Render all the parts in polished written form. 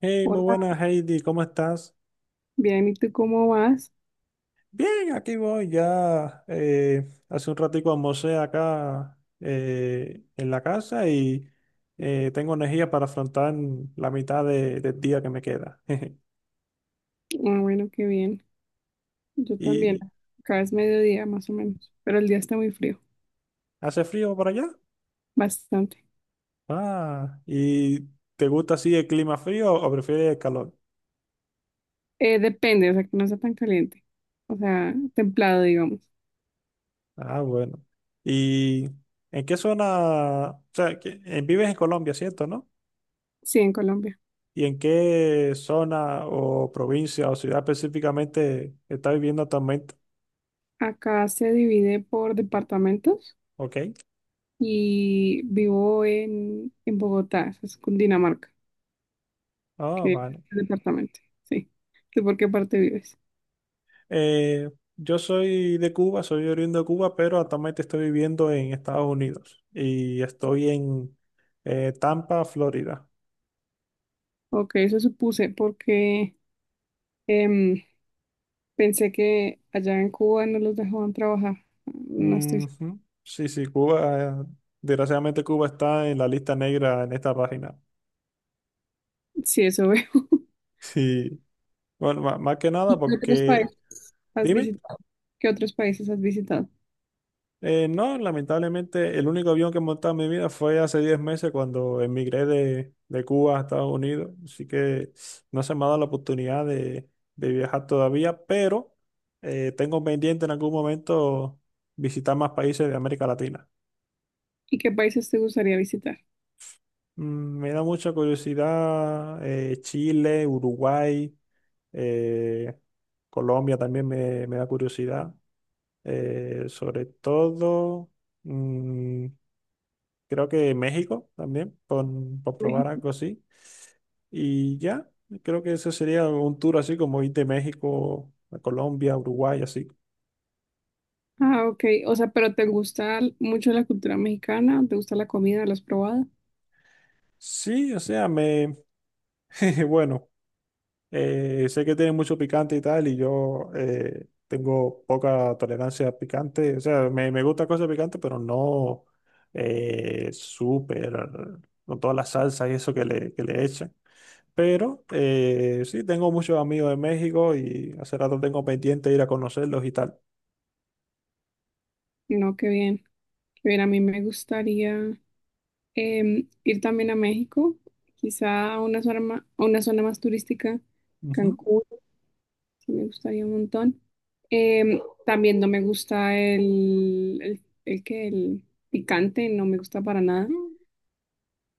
Hey, muy Hola, buenas, Heidi, ¿cómo estás? bien, ¿y tú cómo vas? Bien, aquí voy ya. Hace un ratico almorcé acá, en la casa y tengo energía para afrontar la mitad del día que me queda. Ah, bueno, qué bien. Yo también. ¿Y Acá es mediodía más o menos, pero el día está muy frío, hace frío por allá? bastante. Ah, ¿y te gusta así el clima frío o prefieres el calor? Depende, o sea, que no sea tan caliente, o sea, templado, digamos. Ah, bueno. ¿Y en qué zona? O sea, vives en Colombia, ¿cierto, no? Sí, en Colombia. ¿Y en qué zona o provincia o ciudad específicamente está viviendo actualmente? Acá se divide por departamentos Ok. y vivo en Bogotá, eso es Cundinamarca, Ah, que es vale. el departamento, sí. ¿Tú por qué parte vives? Eh, yo soy de Cuba, soy oriundo de Cuba, pero actualmente estoy viviendo en Estados Unidos y estoy en Tampa, Florida. Ok, eso supuse, porque em, pensé que allá en Cuba no los dejaban trabajar. No estoy segura. Ujú. Sí, sí, Cuba, desgraciadamente Cuba está en la lista negra en esta página. Sí, eso veo. Sí. Bueno, más que nada ¿Qué otros porque... países has Dime. visitado? ¿Qué otros países has visitado? No, lamentablemente el único avión que he montado en mi vida fue hace 10 meses cuando emigré de Cuba a Estados Unidos, así que no se me ha dado la oportunidad de viajar todavía, pero tengo pendiente en algún momento visitar más países de América Latina. ¿Y qué países te gustaría visitar? Mm, me da mucha curiosidad, Chile, Uruguay, eh, Colombia también me da curiosidad, sobre todo... mm, creo que México también, por probar México. algo así. Y ya, creo que ese sería un tour así como ir de México a Colombia, Uruguay, así. Ah, ok. O sea, pero ¿te gusta mucho la cultura mexicana? ¿Te gusta la comida? ¿La has probado? Sí, o sea, bueno, sé que tiene mucho picante y tal, y yo, tengo poca tolerancia a picante, o sea, me gusta cosas picantes, pero no, eh, súper, con todas las salsas y eso que que le echan. Pero sí, tengo muchos amigos de México y hace rato tengo pendiente ir a conocerlos y tal. No, qué bien. Qué bien, a mí me gustaría, ir también a México, quizá a una zona más, a una zona más turística, Ujú. Cancún, sí me gustaría un montón. También no me gusta el picante, no me gusta para nada, Mm.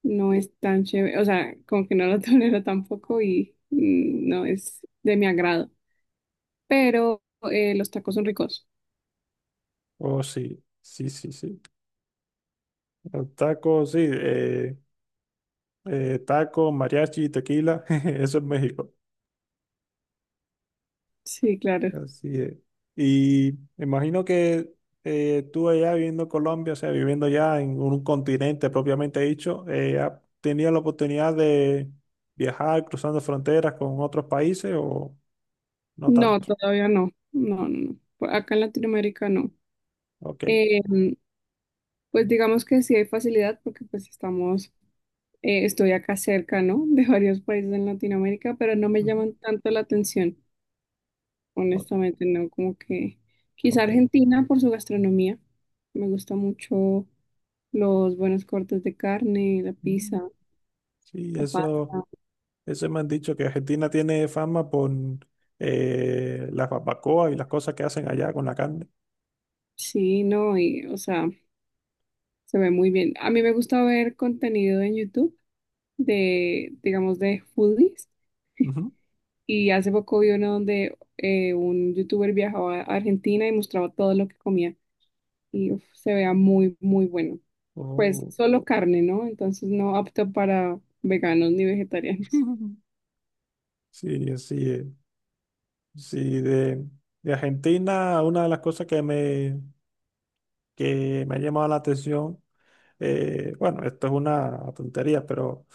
no es tan chévere, o sea, como que no lo tolero tampoco y no es de mi agrado, pero los tacos son ricos, Oh, sí, sí, sí, sí. Los tacos, sí. Taco, mariachi, tequila, jeje, eso es México. sí, claro. Así es. Y me imagino que, tú allá viviendo en Colombia, o sea, viviendo ya en un continente propiamente dicho, ¿has tenido la oportunidad de viajar cruzando fronteras con otros países o no No, tanto? todavía no, no, no, no, por acá en Latinoamérica no. Ok. Em, Pues digamos que sí hay facilidad porque pues estamos, estoy acá cerca, ¿no? De varios países en Latinoamérica, pero no me Ujú. llaman tanto la atención, honestamente, ¿no? Como que quizá Ok. Argentina por su gastronomía. Me gusta mucho los buenos cortes de carne, la Mm. pizza, Sí, la pasta. Eso me han dicho que Argentina tiene fama por, las barbacoas y las cosas que hacen allá con la carne. Sí, no, y o sea, se ve muy bien. A mí me gusta ver contenido en YouTube de, digamos, de foodies. Ujú. Y hace poco vi uno donde un youtuber viajaba a Argentina y mostraba todo lo que comía. Y uf, se vea muy, muy bueno. Pues Oh. solo carne, ¿no? Entonces no apto para veganos ni vegetarianos. Sí, así es. Sí, de Argentina, una de las cosas que me ha llamado la atención, bueno, esto es una tontería, pero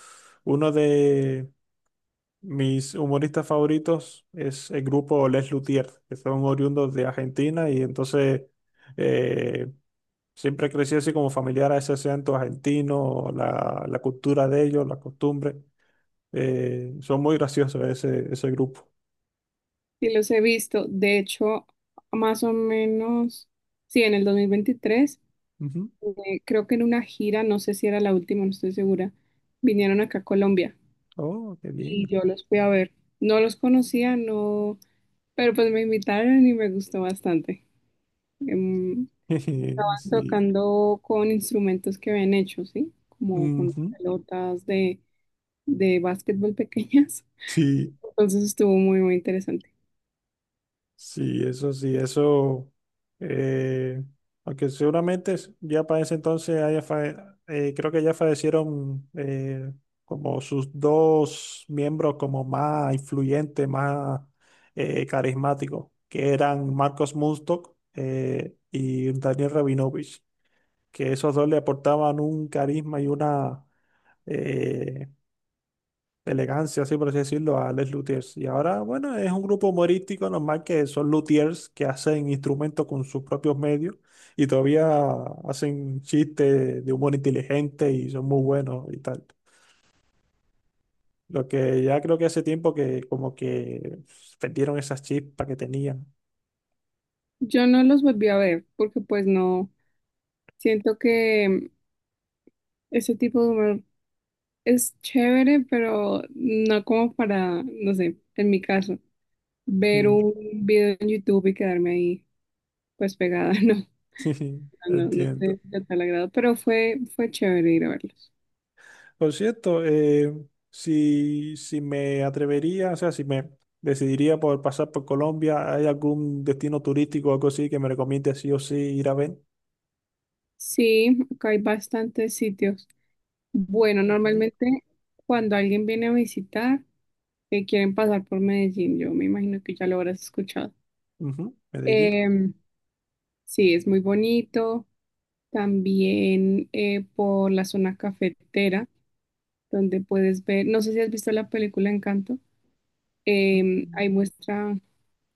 uno de, mis humoristas favoritos es el grupo Les Luthiers, que son oriundos de Argentina y entonces, eh, siempre crecí así como familiar a ese acento argentino, la cultura de ellos, la costumbre. Son muy graciosos ese grupo. Y los he visto. De hecho, más o menos, sí, en el 2023, Ujú. Creo que en una gira, no sé si era la última, no estoy segura, vinieron acá a Colombia Oh, qué bien. y yo los fui a ver. No los conocía, no, pero pues me invitaron y me gustó bastante. Em, Sí. Tocando con instrumentos que habían hecho, ¿sí? Como con Ujú. pelotas de básquetbol pequeñas. Sí. Entonces estuvo muy, muy interesante. Sí, eso, eh, aunque seguramente ya para ese entonces creo que ya fallecieron, como sus dos miembros como más influyentes, más, carismáticos, que eran Marcos Munstock, y Daniel Rabinovich, que esos dos le aportaban un carisma y una, eh, elegancia, así por así decirlo, a Les Luthiers. Y ahora, bueno, es un grupo humorístico normal que son luthiers que hacen instrumentos con sus propios medios y todavía hacen chistes de humor inteligente y son muy buenos y tal. Lo que ya creo que hace tiempo que como que perdieron esas chispas que tenían. Yo no los volví a ver porque pues no, siento que ese tipo de humor es chévere, pero no como para, no sé, en mi caso, ver Sí, un video en YouTube y quedarme ahí pues pegada, no. No, no entiendo. sé de tal agrado, pero fue chévere ir a verlos. Por cierto, si me atrevería, o sea, si me decidiría por pasar por Colombia, ¿hay algún destino turístico o algo así que me recomiende sí o sí ir a ver? Sí, acá hay bastantes sitios. Bueno, Ok. normalmente cuando alguien viene a visitar, quieren pasar por Medellín. Yo me imagino que ya lo habrás escuchado. Ujú, Medellín. Em, sí, es muy bonito. También por la zona cafetera, donde puedes ver, no sé si has visto la película Encanto. Mm. Ahí muestra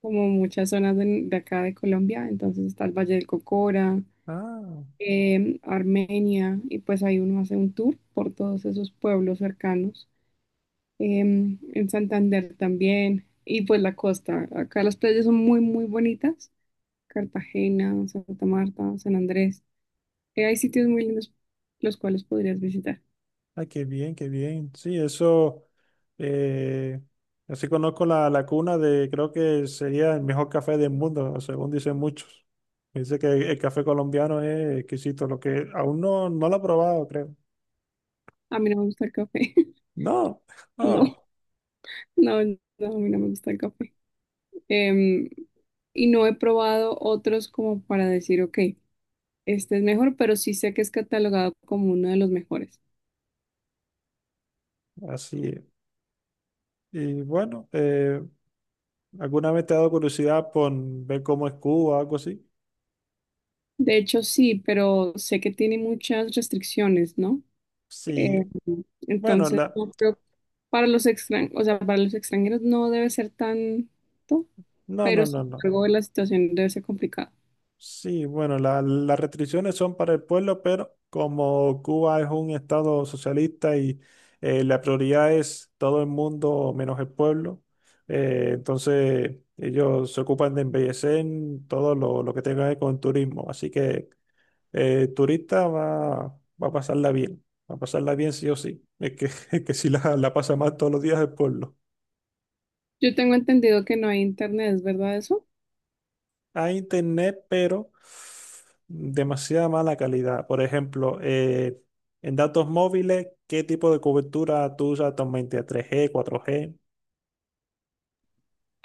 como muchas zonas de acá de Colombia. Entonces está el Valle del Cocora, Ah. Armenia, y pues ahí uno hace un tour por todos esos pueblos cercanos. En Santander también, y pues la costa. Acá las playas son muy, muy bonitas. Cartagena, Santa Marta, San Andrés. Hay sitios muy lindos los cuales podrías visitar. Ay, qué bien, qué bien. Sí, eso, eh, así conozco la cuna de, creo que sería el mejor café del mundo, según dicen muchos. Dice que el café colombiano es exquisito, lo que aún no lo he probado, creo. A mí no me gusta el café. No, No, no, no, no, a mí no me gusta el café. Em, y no he probado otros como para decir, ok, este es mejor, pero sí sé que es catalogado como uno de los mejores. así es. Y bueno, ¿alguna vez te ha dado curiosidad por ver cómo es Cuba o algo así? De hecho, sí, pero sé que tiene muchas restricciones, ¿no? Eh, Sí, bueno, entonces, la, no creo- o sea, para los extranjeros no debe ser tanto, no, pero no, no, sin no. embargo la situación debe ser complicada. Sí, bueno, las restricciones son para el pueblo, pero como Cuba es un estado socialista y, la prioridad es todo el mundo menos el pueblo, entonces ellos se ocupan de embellecer todo lo que tenga que ver con turismo. Así que, el turista va, va a pasarla bien, va a pasarla bien sí o sí. Es que, es que si la pasa mal todos los días el pueblo. Yo tengo entendido que no hay internet, ¿es verdad eso? Hay internet, pero demasiada mala calidad. Por ejemplo, en datos móviles, ¿qué tipo de cobertura tú usas actualmente? ¿3G, 4G?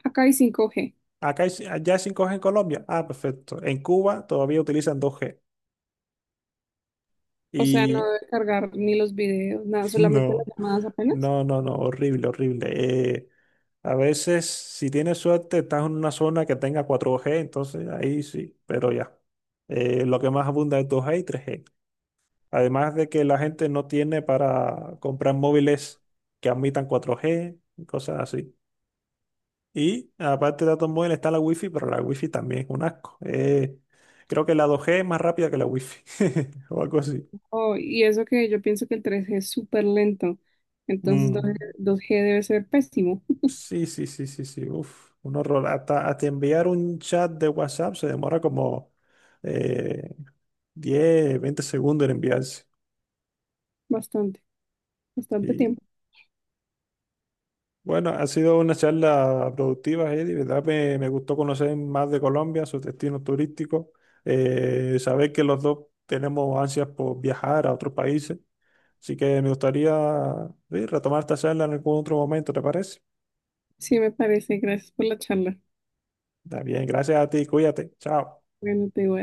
Acá hay 5G, Acá hay, allá hay 5G en Colombia. Ah, perfecto. En Cuba todavía utilizan 2G. o sea, no Y debe cargar ni los videos, nada, solamente las no, llamadas apenas. no, no, no, horrible, horrible. A veces, si tienes suerte, estás en una zona que tenga 4G, entonces ahí sí, pero ya. Lo que más abunda es 2G y 3G. Además de que la gente no tiene para comprar móviles que admitan 4G y cosas así. Y aparte de datos móviles está la Wi-Fi, pero la Wi-Fi también es un asco. Creo que la 2G es más rápida que la Wi-Fi o algo así. Oh, y eso que yo pienso que el 3G es súper lento, entonces Mm. 2G debe ser pésimo, Sí, sí, sí, sí, sí. Uf, un horror. Hasta, hasta enviar un chat de WhatsApp se demora como, eh, 10, 20 segundos en enviarse. bastante, bastante Sí. tiempo. Bueno, ha sido una charla productiva, Eddie, ¿verdad? Me gustó conocer más de Colombia, sus destinos turísticos, saber que los dos tenemos ansias por viajar a otros países. Así que me gustaría, sí, retomar esta charla en algún otro momento, ¿te parece? Sí, me parece, gracias por la charla. Está bien, gracias a ti, cuídate, chao. Bueno, te digo